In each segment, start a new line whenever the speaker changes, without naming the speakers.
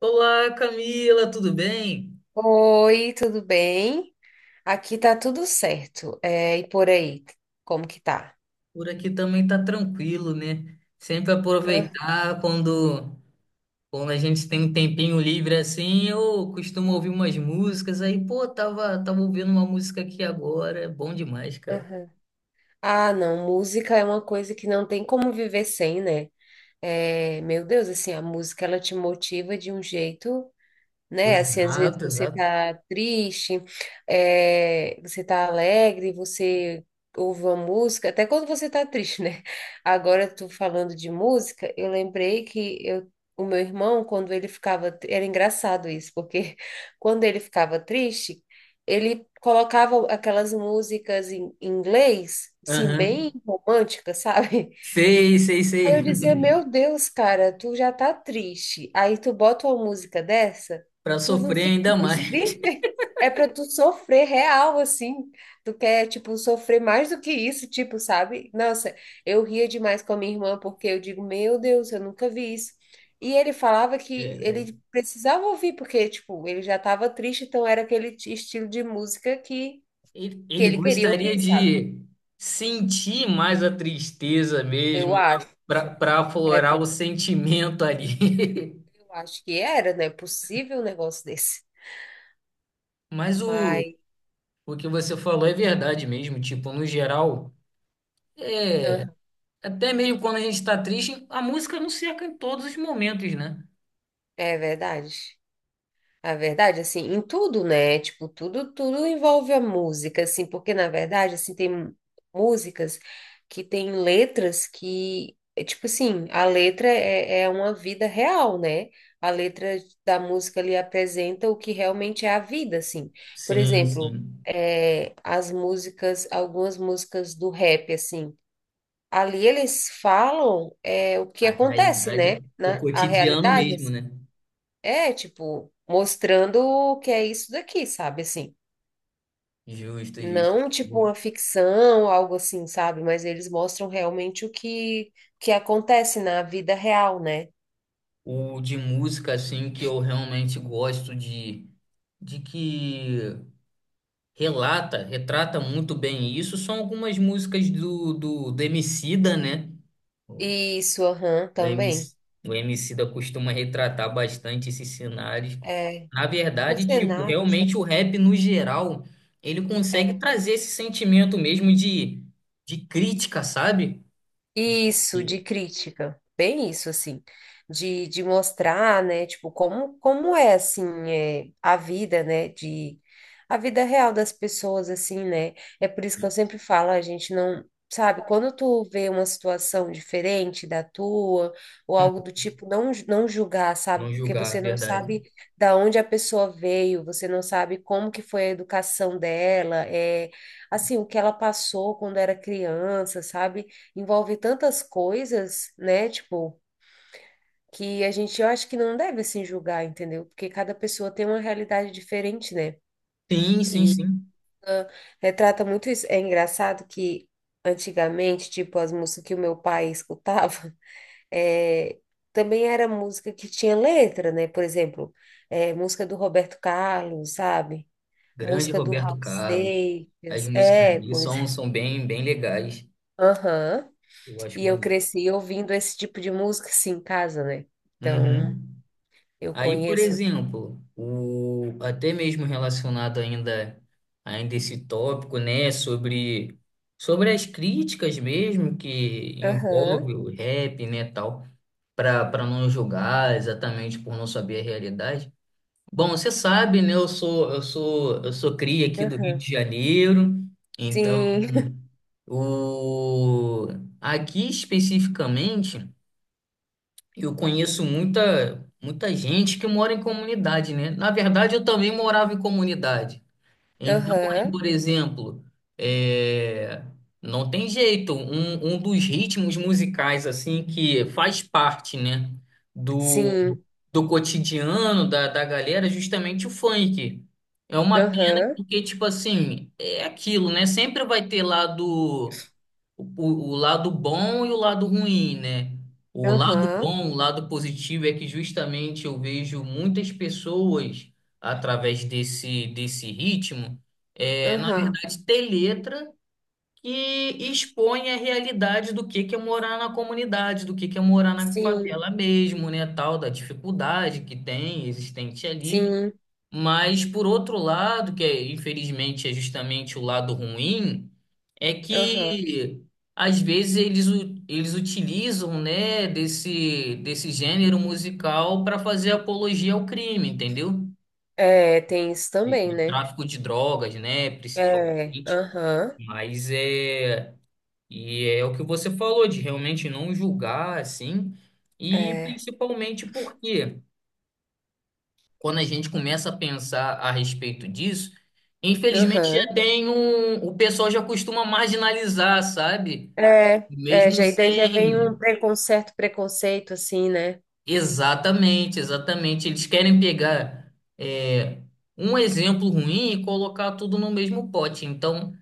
Olá, Camila, tudo bem?
Oi, tudo bem? Aqui tá tudo certo. E por aí, como que tá?
Por aqui também tá tranquilo, né? Sempre
Ah,
aproveitar quando a gente tem um tempinho livre assim, eu costumo ouvir umas músicas aí, pô, tava ouvindo uma música aqui agora, é bom demais, cara.
aham. Ah, não, música é uma coisa que não tem como viver sem, né? É, meu Deus, assim, a música ela te motiva de um jeito. Né? Assim, às vezes
Exato,
você
exato.
tá triste, você tá alegre, você ouve uma música, até quando você tá triste, né? Agora tu falando de música, eu lembrei que eu, o meu irmão, quando ele ficava, era engraçado isso, porque quando ele ficava triste, ele colocava aquelas músicas em inglês, assim,
Aham.
bem românticas, sabe?
Sei, sei,
Aí eu
sei.
dizia, meu Deus, cara, tu já tá triste. Aí tu bota uma música dessa,
Pra
tu não
sofrer
fica
ainda
mais
mais.
triste. É pra tu sofrer real, assim. Tu quer, tipo, sofrer mais do que isso, tipo, sabe? Nossa, eu ria demais com a minha irmã, porque eu digo, meu Deus, eu nunca vi isso. E ele falava que
Caraca.
ele precisava ouvir, porque, tipo, ele já tava triste, então era aquele estilo de música que,
Ele,
que
ele
ele queria
gostaria
ouvir, sabe?
de sentir mais a tristeza
Eu
mesmo,
acho.
para pra
É
aflorar o
porque
sentimento ali.
eu acho que era, né? Possível um negócio desse.
Mas o,
Mas
o que você falou é verdade mesmo. Tipo, no geral, é,
aham,
até mesmo quando a gente está triste, a música nos cerca em todos os momentos, né?
é verdade. A verdade, assim, em tudo, né? Tipo, tudo envolve a música, assim, porque na verdade, assim, tem músicas que têm letras que, é tipo assim, a letra é uma vida real, né? A letra da música ali apresenta o que realmente é a vida, assim. Por
Sim,
exemplo,
sim.
as músicas, algumas músicas do rap, assim. Ali eles falam o que
A
acontece,
realidade,
né?
o
A
cotidiano
realidade,
mesmo,
assim.
né?
É, tipo, mostrando o que é isso daqui, sabe? Assim,
Justo, justo.
não tipo uma ficção, algo assim, sabe? Mas eles mostram realmente que acontece na vida real, né?
O de música, assim, que eu realmente gosto de que relata, retrata muito bem isso, são algumas músicas do, do, do Emicida, né?
Isso, aham,
O
também.
MC, o Emicida costuma retratar bastante esses cenários.
É,
Na
os
verdade, tipo,
cenários,
realmente o rap no geral, ele
é.
consegue
É.
trazer esse sentimento mesmo de crítica, sabe?
Isso, de
E-
crítica. Bem isso, assim. De mostrar, né, tipo, como, como é, assim, é, a vida, né, de... A vida real das pessoas, assim, né? É por isso que
e-
eu sempre falo, a gente não... Sabe, quando tu vê uma situação diferente da tua, ou
hum,
algo do tipo, não, não julgar, sabe?
não
Porque
julgar,
você não
verdade.
sabe da onde a pessoa veio, você não sabe como que foi a educação dela, é, assim, o que ela passou quando era criança, sabe? Envolve tantas coisas, né? Tipo, que a gente, eu acho que não deve assim julgar, entendeu? Porque cada pessoa tem uma realidade diferente, né?
Sim, sim,
E
sim.
ah, retrata muito isso. É engraçado que antigamente, tipo, as músicas que o meu pai escutava, é, também era música que tinha letra, né? Por exemplo, música do Roberto Carlos, sabe?
Grande
Música do Raul
Roberto Carlos. As
Seixas.
músicas
É,
dele
pois é.
são bem, bem legais.
Aham.
Eu acho
E eu
maneiro.
cresci ouvindo esse tipo de música, sim, em casa, né? Então,
Uhum.
eu
Aí, por
conheço.
exemplo, o, até mesmo relacionado ainda esse tópico, né, sobre as críticas mesmo que
Aham,
envolve o rap, né, tal, para não julgar exatamente por não saber a realidade. Bom, você sabe, né, eu sou cria aqui do Rio
aham.
de Janeiro, então
Sim,
o aqui especificamente eu conheço muita, muita gente que mora em comunidade, né? Na verdade, eu também morava em comunidade. Então, aí,
aham,
por exemplo, é, não tem jeito. Um dos ritmos musicais, assim, que faz parte, né, do,
sim,
do cotidiano da, da galera, é justamente o funk. É uma pena
aham,
porque, tipo assim, é aquilo, né? Sempre vai ter lá do o, o lado bom e o lado ruim, né? O lado
aham,
bom, o lado positivo é que justamente eu vejo muitas pessoas através desse, desse ritmo, é, na
aham.
verdade, ter letra que expõe a realidade do que é morar na comunidade, do que é morar na
Sim,
favela mesmo, né? Tal da dificuldade que tem existente ali.
sim,
Mas, por outro lado, que é, infelizmente é justamente o lado ruim, é
aham.
que às vezes eles utilizam, né, desse, desse gênero musical para fazer apologia ao crime, entendeu?
É, tem isso também,
De
né?
tráfico de drogas, né,
É,
principalmente.
aham,
Mas é. E é o que você falou, de realmente não julgar, assim. E
é,
principalmente porque quando a gente começa a pensar a respeito disso, infelizmente
aham.
já tem um, o pessoal já costuma marginalizar, sabe?
É, é,
Mesmo
já, e daí já vem um
sem,
preconceito, assim, né?
Exatamente, exatamente. Eles querem pegar é, um exemplo ruim e colocar tudo no mesmo pote. Então,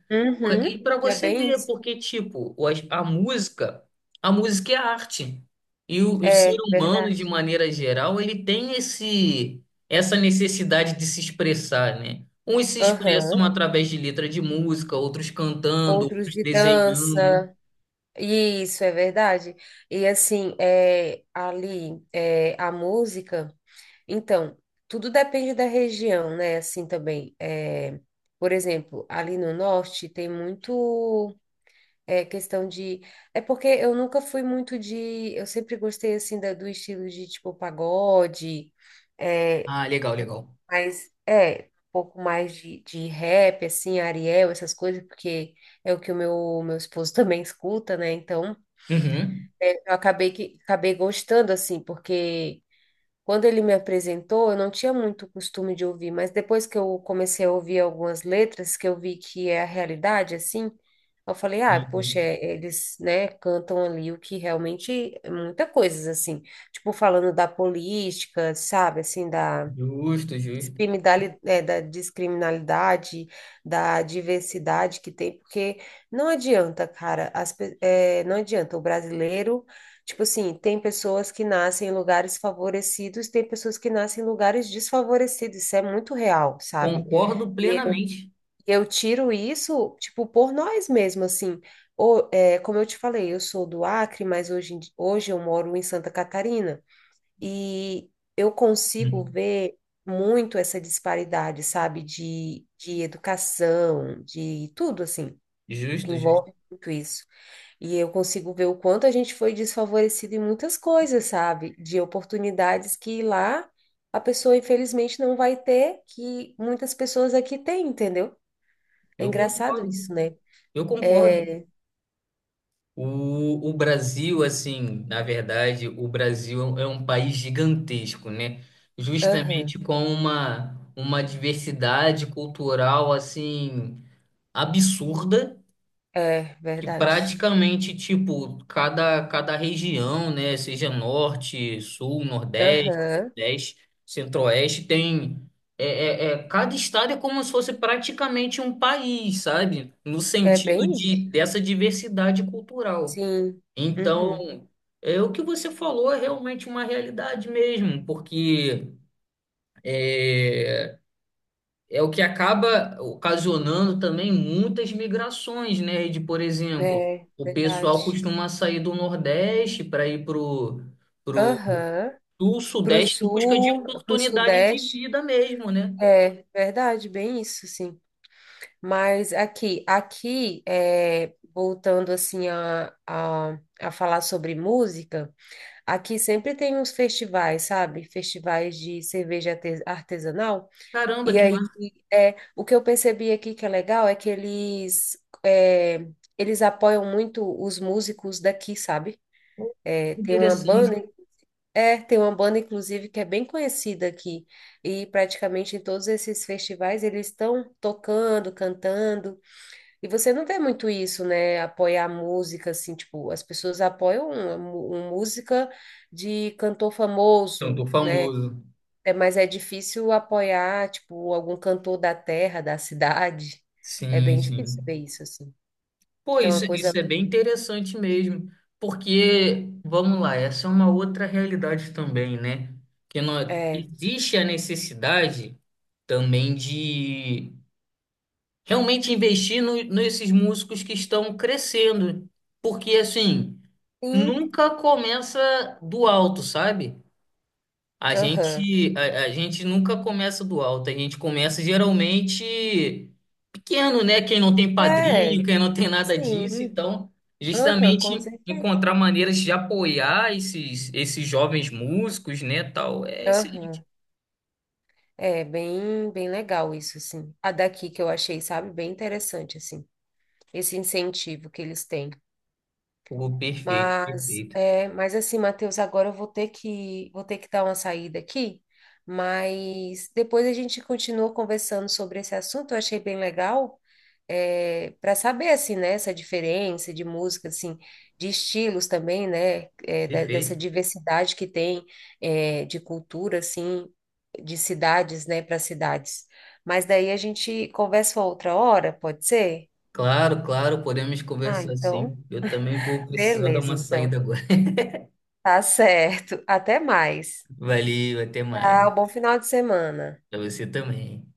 e
Uhum,
para
é
você
bem
ver,
isso.
porque, tipo, a música é arte. E o ser
É,
humano,
verdade.
de maneira geral, ele tem essa necessidade de se expressar, né? Uns se expressam
Aham.
através de letra de música, outros cantando,
Outros
outros
de
desenhando.
dança. Isso é verdade. E assim, é, ali, é, a música. Então, tudo depende da região, né? Assim também. É, por exemplo, ali no norte tem muito é, questão de. É porque eu nunca fui muito de. Eu sempre gostei assim do estilo de tipo pagode, é,
Ah, legal,
um-
legal.
mas é um pouco mais de rap, assim, Ariel, essas coisas, porque é o que o meu esposo também escuta, né? Então.
Uhum.
É, eu acabei que acabei gostando assim, porque quando ele me apresentou, eu não tinha muito costume de ouvir, mas depois que eu comecei a ouvir algumas letras, que eu vi que é a realidade assim, eu falei, ah, poxa, é, eles, né, cantam ali o que realmente é muita coisa assim, tipo falando da política, sabe, assim da
Justo, justo.
é, da descriminalidade, da diversidade que tem, porque não adianta, cara, é, não adianta. O brasileiro, tipo assim, tem pessoas que nascem em lugares favorecidos, tem pessoas que nascem em lugares desfavorecidos. Isso é muito real, sabe?
Concordo
E eu,
plenamente.
eu tiro isso, tipo, por nós mesmos, assim. Ou, é, como eu te falei, eu sou do Acre, mas hoje, hoje eu moro em Santa Catarina. E eu consigo
Uhum.
ver muito essa disparidade, sabe, de educação, de tudo assim,
Justo, justo.
envolve muito isso. E eu consigo ver o quanto a gente foi desfavorecido em muitas coisas, sabe, de oportunidades que lá a pessoa infelizmente não vai ter, que muitas pessoas aqui têm, entendeu? É
Eu
engraçado
concordo.
isso, né?
Eu concordo.
É,
O Brasil, assim, na verdade, o Brasil é um país gigantesco, né?
aham,
Justamente com uma diversidade cultural, assim, absurda.
é
Que
verdade.
praticamente, tipo, cada região, né, seja norte, sul, nordeste,
Aham,
sudeste, centro-oeste, tem. É, cada estado é como se fosse praticamente um país, sabe? No
é
sentido
bem
de
isso.
dessa diversidade cultural.
Sim. Uhum.
Então, é o que você falou é realmente uma realidade mesmo, porque é, é o que acaba ocasionando também muitas migrações, né? De, por exemplo,
É,
o pessoal
verdade.
costuma sair do Nordeste para ir pro
Aham.
Sul,
Pro
Sudeste em busca de
sul, pro
oportunidade de
sudeste.
vida mesmo, né?
É, verdade, bem isso, sim. Mas aqui, é, voltando assim a falar sobre música, aqui sempre tem uns festivais, sabe? Festivais de cerveja artesanal.
Caramba,
E
que
aí,
massa
é, o que eu percebi aqui que é legal é que eles, é, eles apoiam muito os músicos daqui, sabe? É, tem uma
interessante.
banda É, tem uma banda, inclusive, que é bem conhecida aqui. E praticamente em todos esses festivais eles estão tocando, cantando. E você não vê muito isso, né? Apoiar a música, assim, tipo, as pessoas apoiam uma, uma música de cantor
Tanto
famoso, né?
famoso.
É, mas é difícil apoiar, tipo, algum cantor da terra, da cidade. É
Sim,
bem difícil ver
sim.
isso, assim.
Pô,
É uma
isso
coisa.
é bem interessante mesmo, porque, vamos lá, essa é uma outra realidade também, né? Que nós,
É.
existe a necessidade também de realmente investir nesses músicos que estão crescendo, porque, assim,
Sim,
nunca começa do alto, sabe?
aham.
A gente nunca começa do alto, a gente começa geralmente pequeno, né? Quem não tem padrinho,
É,
quem não tem nada
sim.
disso, então,
Aham, com
justamente
certeza.
encontrar maneiras de apoiar esses jovens músicos, né, tal, é excelente.
Aham. É bem, bem legal isso, assim. A daqui que eu achei, sabe, bem interessante, assim, esse incentivo que eles têm.
Pô,
Mas, é, mas assim, Matheus, agora eu vou ter que dar uma saída aqui, mas depois a gente continua conversando sobre esse assunto, eu achei bem legal para saber assim, né, essa diferença de música, assim, de estilos também, né, é, dessa
perfeito.
diversidade que tem é, de cultura, assim, de cidades, né, para cidades. Mas daí a gente conversa outra hora, pode ser?
Claro, claro, podemos
Ah,
conversar sim.
então,
Eu também vou precisar dar
beleza,
uma
então.
saída agora.
Tá certo. Até mais.
Valeu, até mais.
Tchau, bom final de semana.
Pra você também.